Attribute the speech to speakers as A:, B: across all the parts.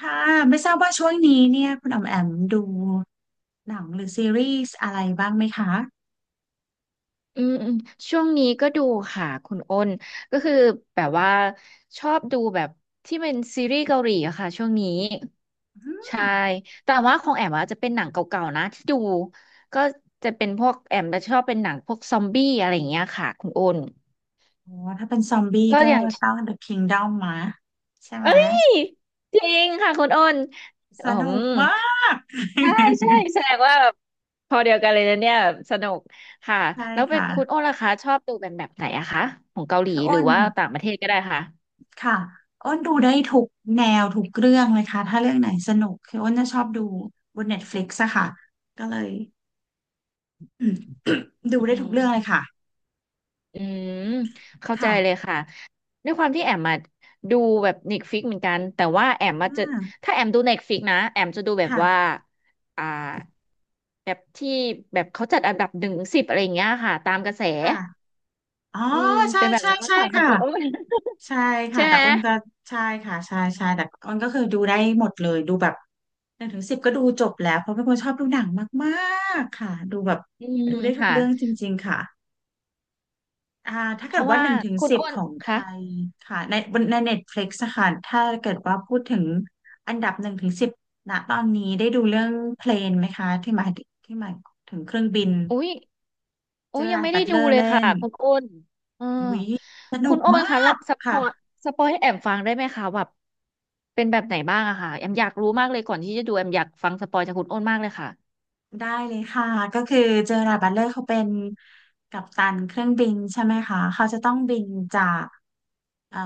A: ค่ะไม่ทราบว่าช่วงนี้เนี่ยคุณอ๋อมแอมดูหนังหรือซีรีส์อะไรบ้างไหมคะ
B: อืมอืมช่วงนี้ก็ดูค่ะคุณอ้นก็คือแบบว่าชอบดูแบบที่เป็นซีรีส์เกาหลีอะค่ะช่วงนี้
A: อื
B: ใช่
A: ม
B: แต่ว่าของแอมอะจะเป็นหนังเก่าๆนะที่ดูก็จะเป็นพวกแอมจะชอบเป็นหนังพวกซอมบี้อะไรอย่างเงี้ยค่ะคุณอ้น
A: โอ้ถ้าเป็นซอมบี้
B: ก็
A: ก็
B: อย่าง
A: ต้อง The Kingdom มาใช่ไหม
B: เอ้ยจริงค่ะคุณอ้น
A: ส
B: อื
A: นุก
B: ม
A: มาก
B: ใช่ใช่แส ดงว่าแบบพอเดียวกันเลยนะเนี่ยแบบสนุกค่ะ
A: ใช่
B: แล้วไป
A: ค่ะ
B: คุณโอ้ล่ะคะชอบดูเป็นแบบไหนอะคะของเกาหลี
A: คือ
B: หรื
A: อ้
B: อ
A: น
B: ว่าต่างประเทศก็ได้ค่ะ
A: ค่ะอ้นดูได้ทุกแนวทุกเรื่องเลยค่ะถ้าเรื่องไหนสนุกคืออ้นจะชอบดูบน Netflix อะค่ะก็เลยอืมดู
B: อื
A: ได้ทุกเรื่องเลย
B: ม
A: ค่ะ
B: อืมเข้าใจ
A: ค่ะ
B: เลยค่ะด้วยความที่แอมมาดูแบบเน็ตฟิกเหมือนกันแต่ว่าแอ
A: อ่
B: มมาจะ
A: า
B: ถ้าแอมดูเน็ตฟิกนะแอมจะดูแบบว่า
A: ค่ะ
B: อ่าแบบที่แบบเขาจัดอันดับหนึ่งสิบอะไรอย่างเงี้ยค่ะตามกระแส
A: ค่ะอ๋อ
B: อืม
A: ใช่
B: เป็นแบบ
A: ใช่
B: นั้นมาก
A: ใช่
B: กว่าค่ะ
A: ค่ะ
B: คุณโอ้
A: ใช่ ค่ะ
B: ใช่ไห
A: แต่
B: ม
A: อ้นก็ใช่ค่ะใช่ใช่แต่อ้นก็คือดูได้หมดเลยดูแบบหนึ่งถึงสิบก็ดูจบแล้วเพราะเป็นคนชอบดูหนังมากๆค่ะดูแบบ
B: อืม
A: ดูได้ทุก
B: ค่ะ
A: เรื่องจริงๆค่ะอ่าถ้า
B: เพ
A: เกิด
B: ราะ
A: ว่า
B: ว่า
A: หนึ่งถึง
B: คุณ
A: สิบ
B: อ้น
A: ของไท
B: คะ
A: ยค่ะในบนในเน็ตฟลิกซ์ค่ะถ้าเกิดว่าพูดถึงอันดับหนึ่งถึงสิบณตอนนี้ได้ดูเรื่องเพลนไหมคะที่หมายถึงเครื่องบิน
B: อุ้ย
A: เจอ
B: ยัง
A: ราร์ด
B: ไม่
A: บั
B: ได้
A: ตเล
B: ดู
A: อร์
B: เลย
A: เล่
B: ค่ะ
A: น
B: คุณอ้นเออ
A: วิสนุ
B: คุณ
A: ก
B: อ้
A: ม
B: นคะ
A: า
B: แล้
A: ก
B: วสป
A: ค่ะ
B: อยสปอยให้แอมฟังได้ไหมคะแบบเป็นแบบไหนบ้างอะค่ะแอมอยากรู้มากเลยก่อนที่จะดูแอมอยากฟังสปอยจากคุณอ้นมากเลยค่ะ
A: ได้เลยค่ะก็คือเจอราร์ดบัตเลอร์เขาเป็นกัปตันเครื่องบินใช่ไหมคะเขาจะต้องบินจากเอ่อ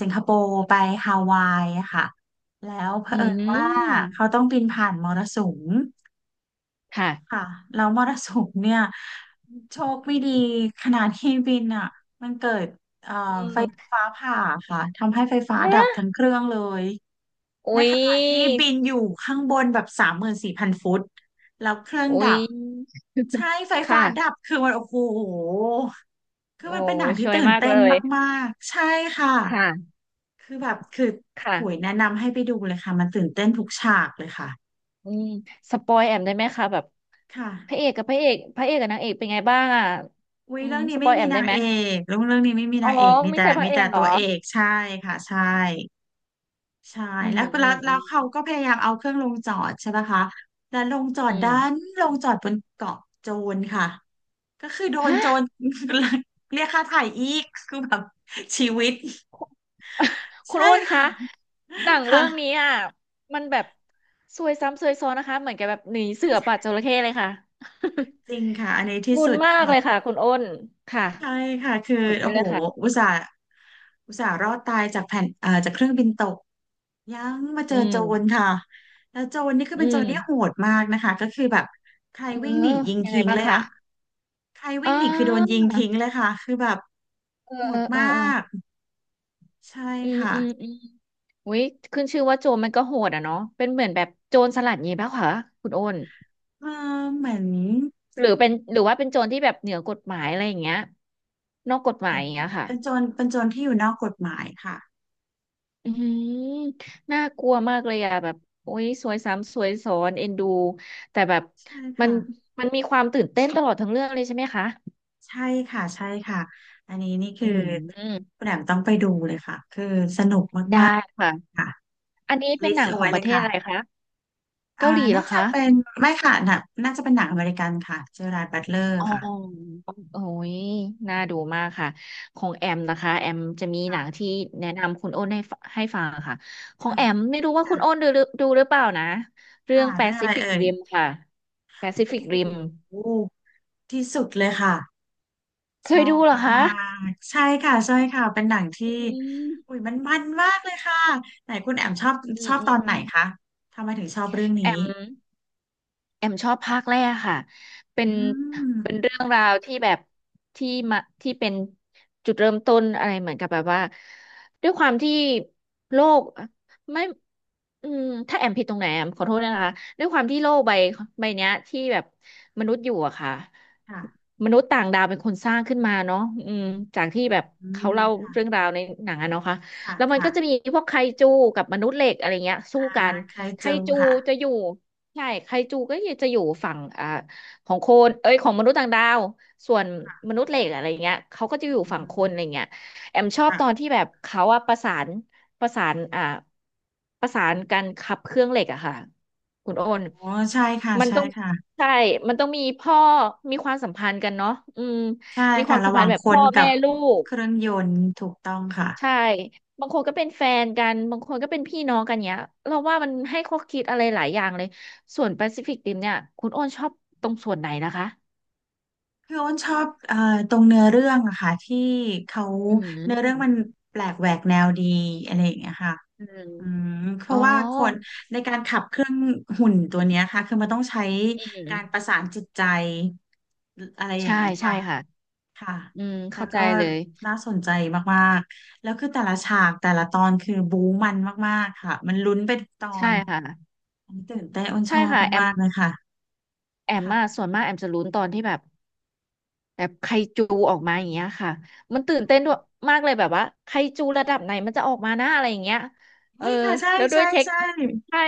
A: สิงคโปร์ไปฮาวายอะค่ะแล้วเผ
B: อื
A: อิญว่า
B: ม
A: เขาต้องบินผ่านมรสุม
B: ค่ะ
A: ค่ะแล้วมรสุมเนี่ยโชคไม่ดีขณะที่บินอ่ะมันเกิด
B: อืม
A: ฟ้าผ่าค่ะทำให้ไฟฟ้าดับ
B: ฮะ
A: ทั้งเครื่องเลย ใน
B: อุ้ย
A: ขณะที่บินอยู่ข้างบนแบบ34,000 ฟุตแล้วเครื่อง
B: อุ้
A: ดั
B: ย
A: บใช่ไฟฟ้าดับ
B: ค่ะ
A: คือมันโอ้โหคือ
B: โอ้
A: มันเป็นหนังที่
B: ช่วย
A: ตื่น
B: มาก
A: เต้
B: เล
A: น
B: ย
A: มากๆใช่ค่ะ
B: ค่ะ
A: คือแบบคือขุย
B: ค่ะ
A: แนะนำให้ไปดูเลยค่ะมันตื่นเต้นทุกฉากเลยค่ะ
B: อืมสปอยแอมได้ไหมคะแบบ
A: ค่ะ
B: พระเอกกับพระเอกกับนางเอกเป็นไงบ้างอ่ะ
A: อุ้ย
B: อืม
A: เรื่องนี้
B: สป
A: ไม่
B: อยแอ
A: มี
B: ม
A: นา
B: ได้
A: ง
B: ไหม
A: เอกเรื่องเรื่องนี้ไม่มี
B: อ๋อ
A: นางเอกมี
B: มี
A: แต่
B: แต่พ
A: มี
B: ระเอ
A: แต่
B: กเหร
A: ตั
B: อ
A: วเอกใช่ค่ะใช่ ใช่
B: อื
A: แล้
B: ม
A: ว
B: อื
A: แล้ว
B: ม
A: แล้
B: อื
A: ว
B: ม
A: เขาก็พยายามเอาเครื่องลงจอดใช่ปะคะแล้ว
B: อืม
A: ลงจอดบนเกาะโจรค่ะก็คือโดนโจ
B: ฮะ
A: ร เรียกค่าไถ่อีกคือแบบชีวิต
B: คุณ
A: ใช่
B: อ้นคะ
A: ค่ะ
B: หนังเรื่
A: ค่ะ
B: องนี้อ่ะมันแบบซวยซ้ำซวยซ้อนนะคะเหมือนกับแบบหนีเสือป่าจระเข้เลยค่ะ
A: จริงค่ะอันนี้ ที่
B: รุ
A: สุ
B: น
A: ด
B: มาก
A: ค่ะ
B: เลยค่ะคุณอ้นค่ะ
A: ใช่ค่ะคือ
B: กดได้
A: โอ้
B: เล
A: โห
B: ยค่ะ
A: อุตส่าห์อุตส่าห์รอดตายจากแผ่นเอ่อจากเครื่องบินตก ยังมาเจ
B: อื
A: อโจร
B: ม
A: ค่ะแล้วโจรนี่คือ
B: อื
A: เป็นโจรที่โห
B: ม
A: ดมากนะคะก็คือแบบใคร
B: เออ
A: วิ่งหนียิง
B: ยังไง
A: ทิ้ง
B: บ้าง
A: เลย
B: คะ
A: อ่ะใคร
B: อ๋
A: วิ่งหนีคือโดนยิ
B: อ
A: งทิ้งเลยค่ะคือแบบ
B: เออ
A: โห
B: เออ
A: ด
B: เออ
A: มา
B: เออ
A: กใช่
B: อืม
A: ค่ะ
B: อืมอืม อุ้ยขึ้นชื่อว่าโจรมันก็โหดอ่ะเนาะเป็นเหมือนแบบโจรสลัดงี้ป่ะคะคุณโอน
A: เออเหมือน
B: หรือเป็นหรือว่าเป็นโจรที่แบบเหนือกฎหมายอะไรอย่างเงี้ยนอกกฎห
A: เห
B: มา
A: มื
B: ย
A: อน
B: อย่างเงี้ยค่ะ
A: เป็นโจรที่อยู่นอกกฎหมายค่ะ
B: อืมน่ากลัวมากเลยอะแบบโอ้ยสวยซ้ำสวยซ้อนเอ็นดูแต่แบบ
A: ใช่
B: มัน
A: ค่ะ
B: มันมีความตื่นเต้นตลอดทั้งเรื่องเลยใช่ไหมคะ
A: ใช่ค่ะใช่ค่ะอันนี้นี่คื
B: อื
A: อ
B: ม
A: คุณแหม่มต้องไปดูเลยค่ะคือสนุก
B: ได้
A: มากๆ
B: ค่ะ
A: ค่ะ
B: อันนี้เป็
A: ลิ
B: น
A: ส
B: หนั
A: ต์
B: ง
A: เอา
B: ขอ
A: ไว้
B: งป
A: เล
B: ระ
A: ย
B: เทศ
A: ค่ะ
B: อะไรคะเกา
A: อ่า
B: หลีเหร
A: น่า
B: อ
A: จะ
B: คะ
A: เป็นไม่ค่ะหน่ะน่าจะเป็นหนังอเมริกันค่ะเจอราร์ดบัตเลอร์
B: อ๋อ
A: ค่ะ
B: โอ้ยน่าดูมากค่ะ ของแอมนะคะ แอมจะมีหนัง
A: ค่ะ
B: ที่แนะนำคุณโอ้นให้ฟังค่ะ ของ
A: ค่ะ
B: แอมไม่รู้ว่าคุ
A: ค่ะ
B: ณโอ้นดูหรือเปล่านะ เรื่อ
A: ค่ะ
B: ง
A: เรื่องอะไร
B: Pacific
A: เอ่ย
B: Rim ค่ะ
A: โอ้
B: Pacific
A: โห
B: Rim
A: ที่สุดเลยค่ะ
B: เค
A: ชอ
B: ยดู
A: บ
B: เหรอคะ
A: มากๆใช่ค่ะใช่ค่ะเป็นหนังที่
B: อื
A: อุ้ย
B: ม
A: มันมากเลยค่ะไหนคุณแอมชอบ
B: อื
A: ช
B: ม
A: อบ
B: อื
A: ต
B: ม
A: อนไหนคะทำไมถึงชอบเรื่อง
B: แอ
A: นี้
B: ม แอมชอบภาคแรกค่ะ เป็
A: อื
B: น
A: ม
B: เป็นเรื่องราวที่แบบที่มาที่เป็นจุดเริ่มต้นอะไรเหมือนกับแบบว่า ด้วยความที่โลกไม่อืมถ้าแอมผิดตรงไหนแอมขอโทษนะคะด้วยความที่โลกใบเนี้ยที่แบบมนุษย์อยู่อะค่ะ
A: ค่ะ
B: มนุษย์ต่างดาวเป็นคนสร้างขึ้นมาเนาะอืมจากที่แบบ
A: อื
B: เขา
A: ม
B: เล่า
A: ค่ะ
B: เรื่องราวในหนังอะเนาะค่ะ
A: ค่ะ
B: แล้วมัน
A: ค่ะ
B: ก็จะมีพวกไคจูกับมนุษย์เหล็กอะไรเงี้ยสู้
A: อ่า
B: กัน
A: ใคร
B: ไค
A: เจอ
B: จู
A: ค่ะ
B: จะอยู่ ใช่ไคจูก็จะอยู่ฝั่งของคนเอ้ยของมนุษย์ต่างดาว ส่วนมนุษย์เหล็กอะไรเงี้ยเขาก็จะอยู่
A: อื
B: ฝั่งค
A: ม
B: นอะไรเงี้ยแอมชอบตอน
A: ค่ะ
B: ที่แบบเขาอะประสานประสานอ่าประสานกันขับเครื่องเหล็กอะค่ะ คุณโอน
A: โอ้ใช่ค่ะ
B: มัน
A: ใช่
B: ต้อง
A: ค่ะ
B: ใช่มันต้องมีพ่อมีความสัมพันธ์กันเนาะอืม
A: ใช่
B: มีค
A: ค่ะ
B: วามสั
A: ระ
B: ม
A: ห
B: พั
A: ว่า
B: น
A: ง
B: ธ์แบบ
A: ค
B: พ่
A: น
B: อ
A: กั
B: แม่
A: บ
B: ลูก
A: เครื่องยนต์ถูกต้องค่ะ
B: ใช่ บางคนก็เป็นแฟนกัน บางคนก็เป็นพี่น้องกันเนี้ยเราว่ามันให้ข้อคิดอะไรหลายอย่างเลย ส่วนแปซิฟิกริมเนี่ย คุณโอ้นชอบตรงส่วนไหนนะคะ
A: พี่โอ้นชอบตรงเนื้อเรื่องอะค่ะที่เขา
B: อื
A: เนื้อเรื่องมัน
B: ม
A: แปลกแหวกแนวดีอะไรอย่างเงี้ยค่ะ
B: อืม
A: อืมเพ
B: อ๋อ
A: ราะว่าคนในการขับเครื่องหุ่นตัวเนี้ยค่ะคือมันต้องใช้
B: อื
A: การประ
B: ม
A: สานจิตใจอะไรอย่า
B: ใช่
A: งเงี้ย
B: ใช่
A: ค่ะ
B: ค่ะ
A: ค่ะ
B: อืม
A: แล้ว
B: เข้าใจ
A: ก็
B: เลย
A: น่าสนใจมากๆแล้วคือแต่ละฉากแต่ละตอนคือบู๊มันมากๆค่ะมันลุ้นไปทุกตอ
B: ใช่
A: น
B: ค่ะ
A: อันนี้ตื่นเต้นอ้นช
B: ใช่
A: อบ
B: ค่ะแอม
A: มากๆเลยค่ะ
B: แอม
A: ค่ะ
B: ส่วนมากแอมจะลุ้นตอนที่แบบ แบบไคจูออกมาอย่างเงี้ยค่ะมันตื่นเต้นด้วยมากเลยแบบว่าไคจูระดับไหนมันจะออกมาหน้าอะไรอย่างเงี้ยเออ
A: เฮ้ยค่ะใช่
B: แล้วด้วย
A: ใช่
B: เทค
A: ใช่
B: ใช่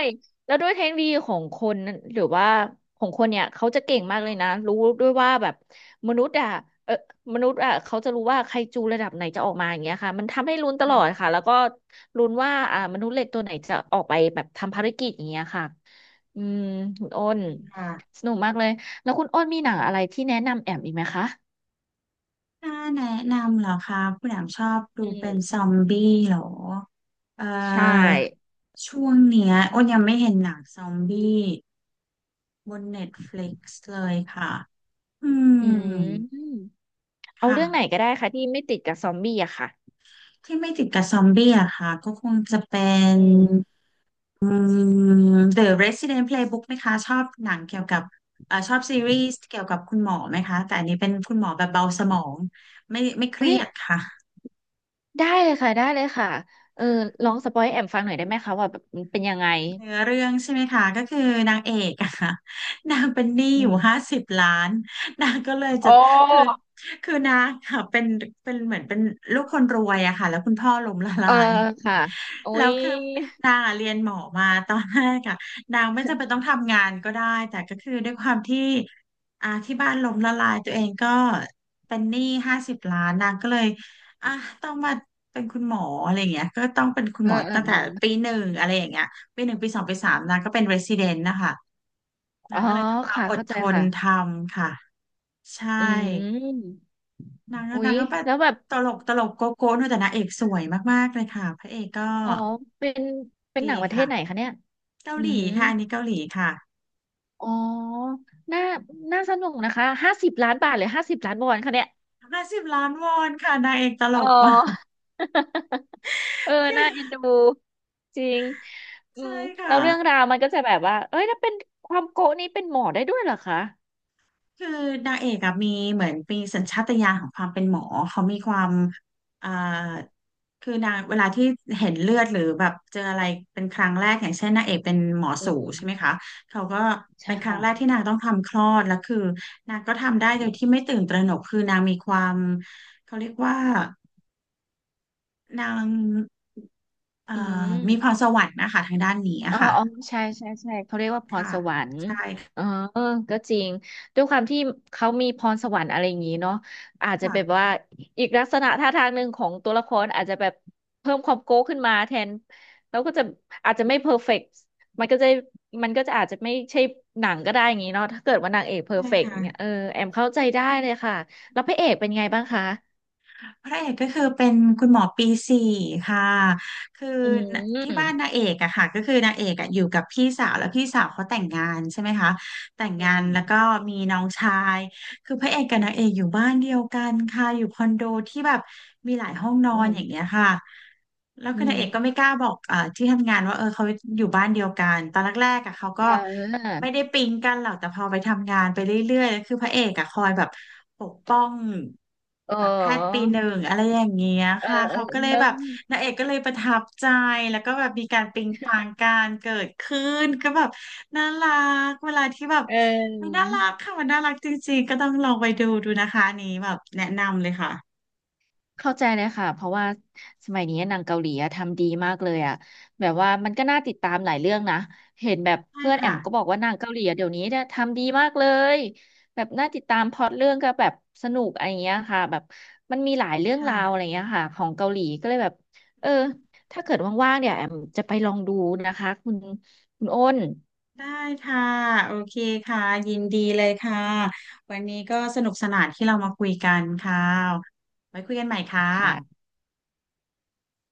B: แล้วด้วยเทคโนโลยีของคนนั้นหรือว่าของคนเนี่ยเขาจะเก่งมากเลยนะรู้ด้วยว่าแบบมนุษย์อะเออมนุษย์อะเขาจะรู้ว่าไคจูระดับไหนจะออกมาอย่างเงี้ยค่ะมันทำให้ลุ้นตล
A: ค่ะ
B: อดค่ะแล้วก็ลุ้นว่ามนุษย์เหล็กตัวไหนจะออกไปแบบทำภารกิจอย่างเงี้ยค่ะอืมคุณอ้
A: จ
B: น
A: ริงค่ะ
B: สนุกมากเลย แล้วคุณอ้นมีหนั
A: ค่ะ
B: งอะไรที่แนะนำแอมอีกไหมคะ
A: ถ้าแนะนำเหรอคะคุณแอมชอบดู
B: อื
A: เป็นซอ
B: ม
A: มบี้เหรอ เอ่
B: ใช่
A: อ ช่วงเนี้ยอ้นยังไม่เห็นหนังซอมบี้บนเน็ตฟลิกซ์เลยค่ะอื
B: อื
A: ม
B: มเอาเรื่องไหน
A: ค่ะ
B: ก็ได้ค่ะที่ไม่ติดกับซอมบี้อะค่ะ
A: ที่ไม่ติดกับซอมบี้อะค่ะก็คงจะเป็น
B: อืม
A: อืThe Resident Playbook ไหมคะ ชอบหนังเกี่ยวกับชอบซีรีส์เกี่ยวกับคุณหมอไหมคะ แต่อันนี้เป็นคุณหมอแบบเบาสมอง ไม่เค
B: เฮ้
A: รี
B: ย
A: ยดค่ะ
B: ได้เลยค่ะได้เลยค่ะเออลองสปอยให้แอมฟังหน่อยได้ไหมคะว่าแบบมันเป็นยังไง
A: เนื้อเรื่องใช่ไหมคะก็คือนางเอกอะค่ะ นางเป็นหนี้
B: อื
A: อยู่
B: ม
A: 50 ล้าน นางก็เลย
B: โอ
A: จะคือ
B: ้
A: คือนางค่ะเป็นลูกคนรวยอะค่ะแล้วคุณพ่อล้มละ
B: เอ
A: ลา
B: อ
A: ย
B: ค่ะโอ้
A: แล้ว
B: ย
A: คือนางอะเรียนหมอมาตอนแรกอะนางไม่จำเป็นต้องทำงานก็ได้แต่ก็คือด้วยความที่ที่บ้านล้มละลายตัวเองก็เป็นหนี้ห้าสิบล้านนางก็เลยอ่ะต้องมาเป็นคุณหมออะไรอย่างเงี้ยก็ต้องเป็นคุณ
B: เอ
A: ห
B: อ
A: มอ
B: เออ
A: ตั้ง
B: เ
A: แต่ปีหนึ่งอะไรอย่างเงี้ย ปี 1 ปี 2 ปี 3นางก็เป็น resident นะคะ
B: อ๋
A: นา
B: อ
A: งก็เลยต้องมา
B: ค่ะ
A: อด
B: เข้า
A: ท
B: ใจ
A: น
B: ค่ะ
A: ทำค่ะใช่
B: อืม
A: นางก็
B: อุ๊
A: นา
B: ย
A: งก็แบบ
B: แล้วแบบ
A: ตลกโก๊ะด้วยแต่นางเอกสวยมากๆเลยค่ะพระเอกก็
B: อ๋อเป็นเป็นห
A: ดี
B: นังประเท
A: ค่ะ
B: ศไหนคะเนี่ย
A: เกา
B: อื
A: หลี
B: ม
A: ค่ะอันนี้เกาหลีค่ะ
B: อ๋อน่าน่าสนุกนะคะห้าสิบล้านบาทหรือห้าสิบล้านวอนคะเนี่ย
A: 50,000,000 วอนค่ะนางเอกตล
B: อ๋อ
A: กมาก
B: เออน่าเอ็นดูจริงอื
A: ใช่
B: มแล้
A: ค่ะ
B: วเรื่องราวมันก็จะแบบว่าเอ้ยถ้าเป็นความโกะนี้เป็นหมอได้ด้วยเหรอคะ
A: คือนางเอกอะมีเหมือนมีสัญชาตญาณของความเป็นหมอเขามีความอ่าคือนางเวลาที่เห็นเลือดหรือแบบเจออะไรเป็นครั้งแรกอย่างเช่นนางเอกเป็นหมอ
B: อื
A: สู
B: ม
A: ใช่ไหมคะเขาก็
B: ใช่
A: เป็นครั้ง
B: ค่ะ
A: แรกที่นางต้องทำคลอดแล้วคือนางก็ทำได้โดยที่ไม่ตื่นตระหนกคือนางมีความเขาเรียกว่านางเอ่
B: อื
A: อ
B: ม
A: มีพรสวรรค์นะคะทางด้านนี้
B: อ๋
A: อะ
B: อ
A: ค่ะ
B: อ๋อใช่ใช่ใช่เขาเรียกว่าพร
A: ค่ะ
B: สวรรค์เออก็จริงด้วยความที่เขามีพรสวรรค์อะไรอย่างนี้เนาะอาจจะแบบ
A: ค่ะ
B: ว่าอีกลักษณะท่าทางหนึ่งของตัวละครอาจจะแบบเพิ่มความโก้ขึ้นมาแทนแล้วก็จะอาจจะไม่เพอร์เฟกต์มันก็จะมันก็จะอาจจะไม่ใช่หนังก็ได้อย่างนี้เนาะถ้าเกิดว่านางเอกเพอร์
A: ใช่
B: เฟกต์เนี่ย
A: ค่ะ
B: เออแอมเข้าใจได้เลยค่ะแล้วพระเอกเป็นไงบ้างคะ
A: พระเอกก็คือเป็นคุณหมอปี 4ค่ะคือ
B: อื
A: ที่บ้านนา
B: ม
A: งเอกอะค่ะก็คือนางเอกอะอยู่กับพี่สาวแล้วพี่สาวเขาแต่งงานใช่ไหมคะแต่ง
B: อื
A: งานแล้วก็
B: ม
A: มีน้องชายคือพระเอกกับนางเอกอยู่บ้านเดียวกันค่ะอยู่คอนโดที่แบบมีหลายห้องนอ
B: อื
A: นอย่างเงี้ย
B: ม
A: ค่ะแล้ว
B: อื
A: คือนางเอกก็
B: ม
A: ไม่กล้าบอกที่ทำงานว่าเออเขาอยู่บ้านเดียวกันตอนแรกๆอะเขาก็
B: เออ
A: ไม่ได้ปิ๊งกันหรอกแต่พอไปทำงานไปเรื่อยๆแล้วคือพระเอกอะคอยแบบปกป้อง
B: เอ
A: แบบแพทย์ปีหนึ่
B: อ
A: งอะไรอย่างเงี้ย
B: เออ
A: ค่ะ
B: เออ
A: เขาก็เลย
B: เออ
A: แบบนางเอกก็เลยประทับใจแล้วก็แบบมีการปิ๊งปังการเกิดขึ้นก็แบบน่ารักเวลาที่แบบ
B: เอ
A: มันน่า
B: อ
A: รักค่ะมันน่ารักจริงๆก็ต้องลองไปดูดูนะคะอันนี้แบบแนะนำเลยค่ะ
B: เข้าใจเลยค่ะเพราะว่าสมัยนี้หนังเกาหลีอะทำดีมากเลยอะแบบว่ามันก็น่าติดตามหลายเรื่องนะเห็นแบบ
A: ได้
B: เพื่อนแอ
A: ค่ะ
B: มก็บอกว่าหนังเกาหลีอะเดี๋ยวนี้เนี่ยทำดีมากเลยแบบน่าติดตามพล็อตเรื่องก็แบบสนุกอะไรอย่างเงี้ยค่ะแบบมันมีหลายเรื่องราวอะ
A: ค่ะ
B: ไรอย่างเงี้ยค่ะของเกาหลีก็เลยแบบเออถ้าเกิดว่างๆเนี่ยแอมจะไปลองดูนะคะคุณอ้น
A: ได้ค่ะโอเคค่ะยินดีเลยค่ะวันนี้ก็สนุกสนานที่เรามาคุยกันค่ะไว้คุยกันใหม่ค่ะ
B: ค่ะ